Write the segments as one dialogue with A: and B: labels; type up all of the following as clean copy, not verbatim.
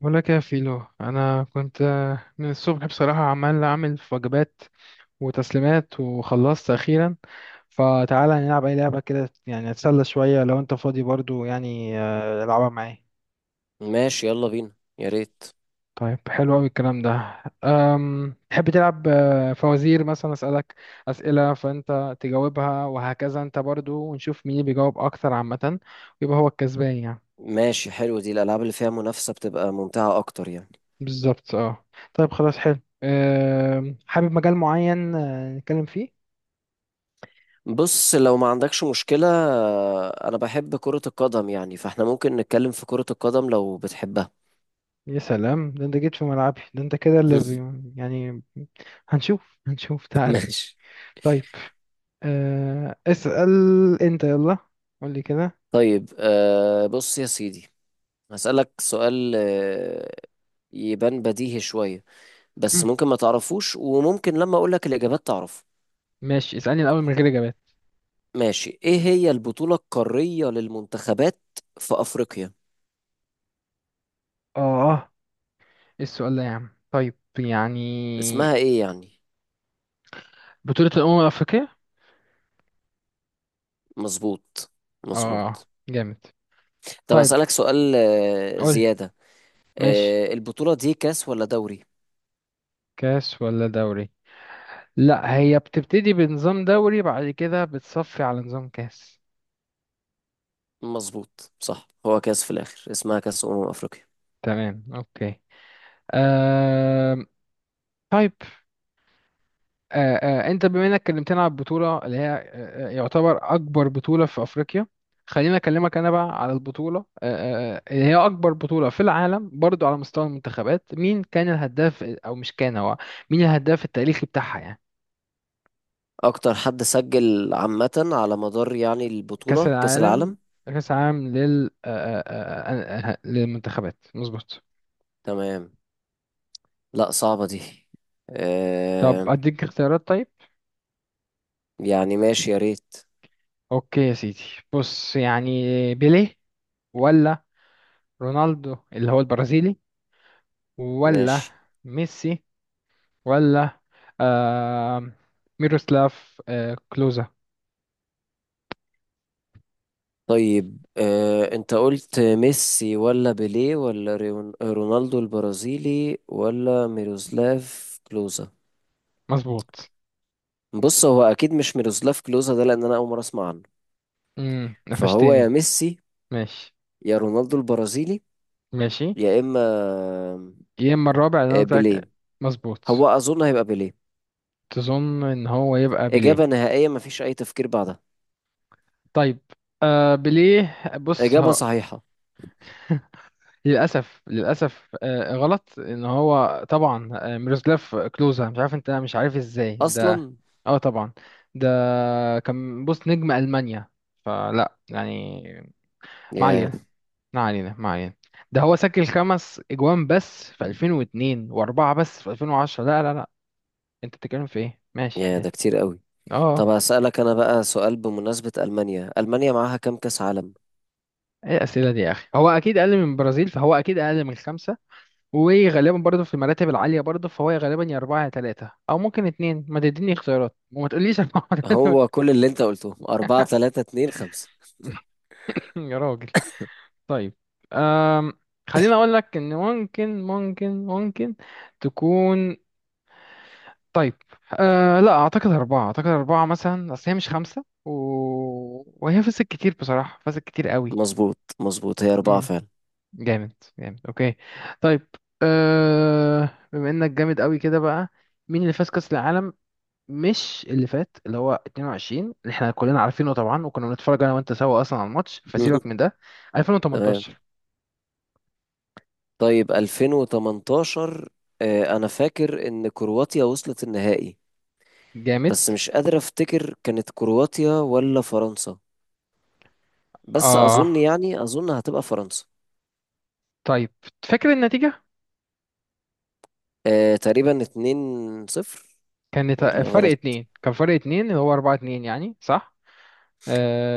A: بقول لك يا فيلو انا كنت من الصبح بصراحه عمال اعمل في وجبات وتسليمات وخلصت اخيرا. فتعالى نلعب اي لعبه كده يعني اتسلى شويه لو انت فاضي برضو يعني، العبها معايا.
B: ماشي، يلا بينا. يا ريت.
A: طيب حلو قوي الكلام ده. تحب تلعب فوازير مثلا اسالك اسئله فانت تجاوبها وهكذا انت برضو ونشوف مين اللي بيجاوب اكتر عامه، ويبقى هو الكسبان يعني.
B: ماشي، حلو، دي الألعاب اللي فيها منافسة بتبقى ممتعة أكتر يعني.
A: بالظبط اه. طيب خلاص حلو. حابب مجال معين نتكلم فيه؟
B: بص، لو ما عندكش مشكلة أنا بحب كرة القدم يعني، فإحنا ممكن نتكلم في كرة القدم لو بتحبها.
A: يا سلام، ده انت جيت في ملعبي، ده انت كده اللي يعني. هنشوف تعال.
B: ماشي.
A: طيب اسأل. انت يلا قول لي كده.
B: طيب، بص يا سيدي، هسألك سؤال. يبان بديهي شوية، بس
A: مم.
B: ممكن ما تعرفوش وممكن لما أقولك الإجابات تعرف.
A: ماشي اسألني الأول من غير إجابات.
B: ماشي. إيه هي البطولة القارية للمنتخبات في أفريقيا؟
A: اه اه، ايه السؤال ده يا عم طيب يعني.
B: اسمها إيه يعني؟
A: بطولة الأمم الأفريقية.
B: مظبوط،
A: اه
B: مظبوط.
A: جامد.
B: طب
A: طيب
B: أسألك سؤال
A: قول.
B: زيادة.
A: ماشي،
B: البطولة دي كاس ولا دوري؟
A: كاس ولا دوري؟ لا، هي بتبتدي بنظام دوري بعد كده بتصفي على نظام كاس.
B: مظبوط، صح، هو كاس في الآخر، اسمها كاس أمم أفريقيا.
A: تمام اوكي. آه... طيب، آه، انت بما انك كلمتنا على البطوله اللي هي يعتبر اكبر بطوله في افريقيا، خليني اكلمك انا بقى على البطوله اللي هي اكبر بطوله في العالم برضو على مستوى المنتخبات. مين كان الهداف، او مش كان هو، مين الهداف التاريخي بتاعها يعني؟
B: أكتر حد سجل عامة على مدار يعني
A: كاس
B: البطولة كاس
A: العالم،
B: العالم.
A: كاس العالم لل للمنتخبات مظبوط.
B: تمام. لا، صعبة دي
A: طب
B: آه،
A: اديك اختيارات؟ طيب
B: يعني ماشي، يا ريت.
A: اوكي يا سيدي، بص يعني: بيليه، ولا رونالدو اللي هو البرازيلي، ولا
B: ماشي.
A: ميسي، ولا آه ميروسلاف آه كلوزا؟
B: طيب، أنت قلت ميسي ولا بيليه ولا رونالدو البرازيلي ولا ميروسلاف كلوزا.
A: مظبوط.
B: بص هو اكيد مش ميروسلاف كلوزا ده، لان انا اول مره اسمع عنه.
A: امم،
B: فهو يا
A: قفشتني.
B: ميسي،
A: ماشي.
B: يا رونالدو البرازيلي،
A: ماشي.
B: يا اما
A: يا اما الرابع اللي انا قلت
B: بيليه.
A: لك. مظبوط.
B: هو اظن هيبقى بيليه.
A: تظن ان هو يبقى بيليه؟
B: اجابه نهائيه، مفيش اي تفكير بعدها.
A: طيب، آه بيليه، بص
B: اجابه
A: ها.
B: صحيحه
A: للاسف للاسف آه غلط. ان هو طبعا آه ميروسلاف كلوزا، مش عارف انت مش عارف ازاي ده.
B: اصلا.
A: اه طبعا ده كان بص نجم المانيا، فلا يعني، ما
B: يا
A: علينا ما علينا ما علينا. ده هو سجل خمس اجوان بس في 2002 واربعه بس في 2010. لا لا لا انت بتتكلم في ايه، ماشي
B: يا ده
A: ماشي.
B: كتير قوي. طب
A: اه،
B: هسألك انا بقى سؤال، بمناسبه المانيا، المانيا معاها كام كاس عالم؟
A: ايه الاسئله دي يا اخي. هو اكيد اقل من البرازيل، فهو اكيد اقل من خمسه، وغالبا برضه في المراتب العاليه برضه، فهو غالبا يا اربعه يا ثلاثه او ممكن اتنين. ما تديني اختيارات وما تقوليش اربعه ولا.
B: هو كل اللي انت قلته أربعة، تلاتة، اتنين، خمسة.
A: يا راجل. طيب أم... خليني اقول لك ان ممكن تكون. طيب آه لا اعتقد اربعة، اعتقد اربعة مثلا، اصل هي مش خمسة وهي فازت كتير بصراحة، فازت كتير قوي.
B: مظبوط، مظبوط، هي أربعة
A: امم.
B: فعلا.
A: جامد جامد اوكي. طيب، بما انك جامد قوي كده بقى، مين اللي فاز كأس العالم؟ مش اللي فات اللي هو 22 اللي احنا كلنا عارفينه طبعا وكنا بنتفرج انا وانت سوا اصلا على الماتش، فسيبك من ده.
B: تمام.
A: 2018.
B: طيب 2018، انا فاكر ان كرواتيا وصلت النهائي،
A: جامد
B: بس مش قادر افتكر كانت كرواتيا ولا فرنسا. بس
A: اه.
B: اظن، يعني اظن هتبقى فرنسا.
A: طيب فاكر النتيجة؟
B: تقريبا 2-0،
A: كانت
B: ولا
A: فرق
B: غلط؟
A: اتنين، كان فرق اتنين، اللي هو اربعة اتنين يعني، صح؟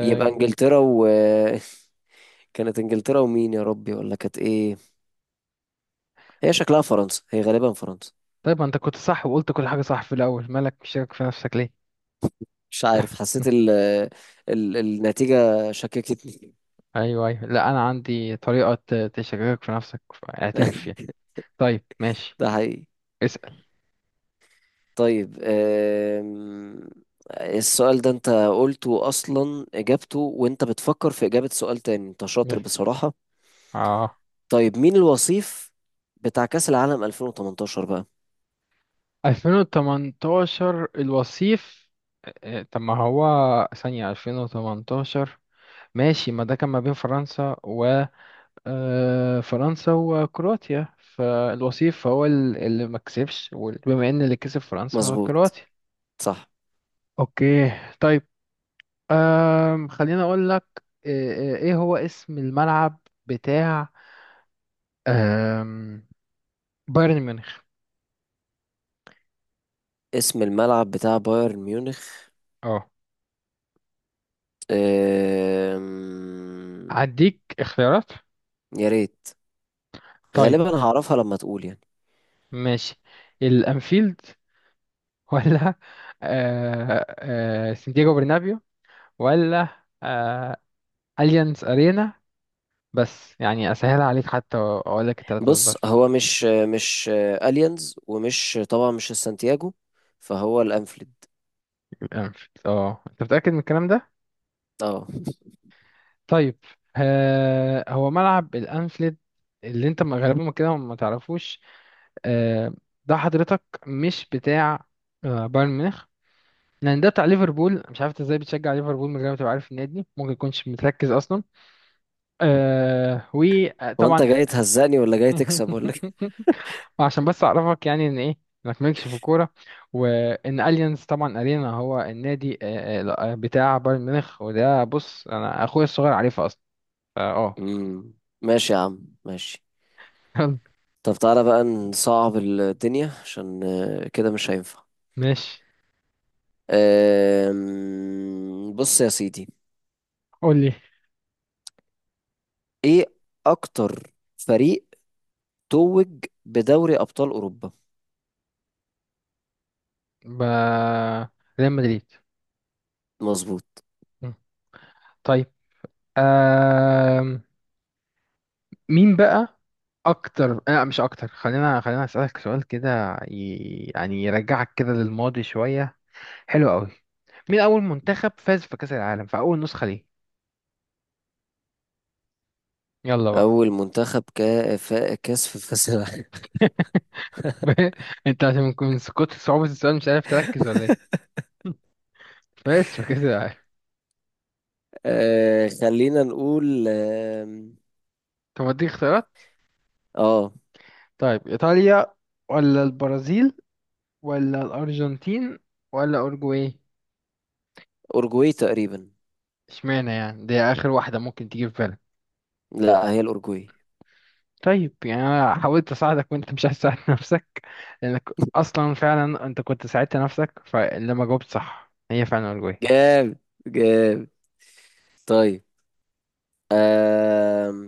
B: يبقى انجلترا و كانت انجلترا ومين يا ربي؟ ولا كانت ايه؟ هي شكلها فرنسا، هي غالبا فرنسا.
A: طيب ما انت كنت صح وقلت كل حاجة صح في الأول، مالك مشكك في نفسك ليه؟
B: مش عارف، حسيت النتيجة شككتني.
A: أيوه أيوه، لا أنا عندي طريقة تشككك في نفسك، اعترف فيها. طيب ماشي،
B: ده حقيقي.
A: اسأل.
B: طيب. السؤال ده انت قلته اصلا اجابته وانت بتفكر في اجابة سؤال تاني، انت شاطر
A: يلا.
B: بصراحة.
A: اه،
B: طيب مين الوصيف بتاع كأس العالم 2018 بقى؟
A: 2018 الوصيف. طب ما هو، ثانية 2018، ماشي، ما ده كان ما بين فرنسا و اه، فرنسا وكرواتيا، فالوصيف هو اللي ما كسبش، وبما ان اللي كسب فرنسا، هو
B: مظبوط،
A: كرواتيا.
B: صح.
A: اوكي. طيب أم، خليني أقول لك إيه، إيه هو اسم الملعب بتاع أم، بايرن ميونخ؟
B: اسم الملعب بتاع بايرن ميونخ
A: اه
B: آم،
A: هديك اختيارات؟
B: يا ريت،
A: طيب
B: غالبا هعرفها لما تقول يعني.
A: ماشي: الأنفيلد، ولا سانتياغو برنابيو، ولا آه، أليانز أرينا؟ بس يعني أسهل عليك حتى أقول لك التلاتة دول
B: بص،
A: بس.
B: هو مش اليانز، ومش طبعا مش السانتياجو، فهو الانفيلد.
A: الأنفيلد، اه أنت متأكد من الكلام ده؟
B: اه.
A: طيب، هو ملعب الأنفيلد اللي انت غالبا كده ما تعرفوش، آه، ده حضرتك مش بتاع بايرن ميونخ، لان ده بتاع ليفربول. مش عارف إنت ازاي بتشجع ليفربول من غير ما تبقى عارف النادي، ممكن يكونش متركز اصلا. آه
B: هو انت
A: وطبعا
B: جاي تهزقني ولا جاي تكسب ولا؟
A: عشان بس اعرفك يعني ان ايه، انك مالكش في الكوره، وان اليانز طبعا ارينا هو النادي بتاع بايرن ميونخ. وده بص انا اخويا الصغير عارفه اصلا. اه.
B: امم، ماشي يا عم، ماشي.
A: آه.
B: طب تعالى بقى نصعب الدنيا، عشان كده مش هينفع.
A: ماشي.
B: بص يا سيدي،
A: قول لي.
B: ايه اكتر فريق توج بدوري ابطال اوروبا؟
A: ب... ريال مدريد.
B: مظبوط.
A: طيب آه... مين بقى اكتر، لا مش اكتر، خلينا اسالك سؤال كده يعني يرجعك كده للماضي شويه، حلو قوي. مين اول منتخب فاز في كاس العالم في اول نسخه ليه؟ يلا بقى.
B: اول منتخب كاس في كاس العالم.
A: انت عشان من كتر صعوبه السؤال مش عارف تركز ولا ايه؟ فاز في كاس العالم.
B: خلينا نقول.
A: طب اديك اختيارات؟
B: اه،
A: طيب ايطاليا، ولا البرازيل، ولا الارجنتين، ولا اوروجواي؟
B: اورجواي تقريبا.
A: اشمعنى يعني، دي اخر واحده ممكن تيجي في بالك.
B: لا هي الاورجواي.
A: طيب يعني انا حاولت اساعدك وانت مش عايز تساعد نفسك. لانك اصلا فعلا انت كنت ساعدت نفسك، فلما جاوبت صح، هي فعلا الجوي.
B: جاب، جاب. طيب آم،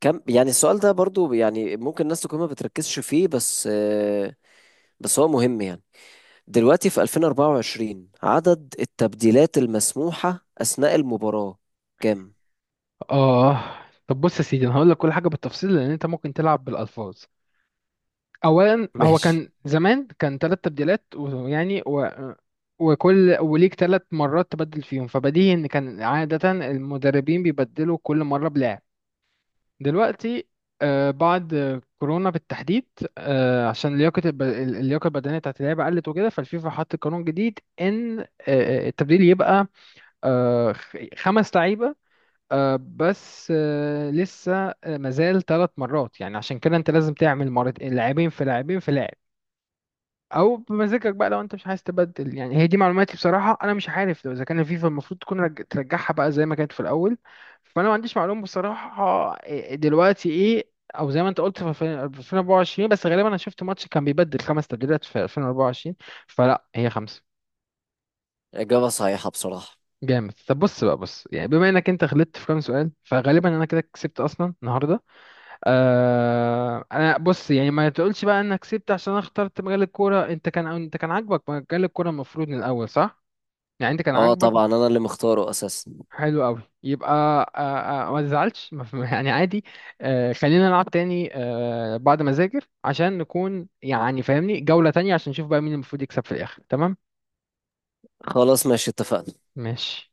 B: كم يعني؟ السؤال ده برضو يعني ممكن الناس تكون ما بتركزش فيه بس هو مهم يعني. دلوقتي في 2024 عدد التبديلات المسموحة أثناء المباراة كام؟
A: اه. طب بص يا سيدي انا هقول لك كل حاجه بالتفصيل لان انت ممكن تلعب بالالفاظ. اولا هو
B: ماشي.
A: كان زمان كان ثلاث تبديلات ويعني وكل وليك ثلاث مرات تبدل فيهم، فبديهي ان كان عاده المدربين بيبدلوا كل مره بلاعب. دلوقتي بعد كورونا بالتحديد، عشان لياقة اللياقة البدنية بتاعت اللعيبة قلت وكده، فالفيفا حط قانون جديد إن التبديل يبقى خمس لعيبة، بس لسه مازال ثلاث مرات، يعني عشان كده أنت لازم تعمل مرتين لاعبين في لاعبين في لاعب، او بمزاجك بقى لو انت مش عايز تبدل يعني. هي دي معلوماتي بصراحه، انا مش عارف لو اذا كان الفيفا المفروض تكون ترجعها بقى زي ما كانت في الاول. فانا ما عنديش معلومه بصراحه دلوقتي ايه، او زي ما انت قلت في 2024، بس غالبا انا شفت ماتش كان بيبدل خمس تبديلات في 2024، فلا هي خمسه.
B: إجابة صحيحة بصراحة.
A: جامد. طب بص بقى بص يعني بما انك انت غلطت في كام سؤال، فغالبا انا كده كسبت اصلا النهارده. آه انا بص يعني ما تقولش بقى انك كسبت عشان انا اخترت مجال الكوره، انت كان انت كان عاجبك مجال الكوره المفروض من الاول، صح؟ يعني انت كان
B: اه
A: عاجبك.
B: طبعا، أنا اللي مختاره أساسا.
A: حلو قوي، يبقى ما تزعلش، ما يعني عادي. خلينا نلعب تاني بعد ما اذاكر عشان نكون يعني فاهمني، جولة تانية عشان نشوف بقى مين المفروض يكسب في الاخر، تمام؟
B: خلاص، ماشي اتفقنا.
A: ماشي.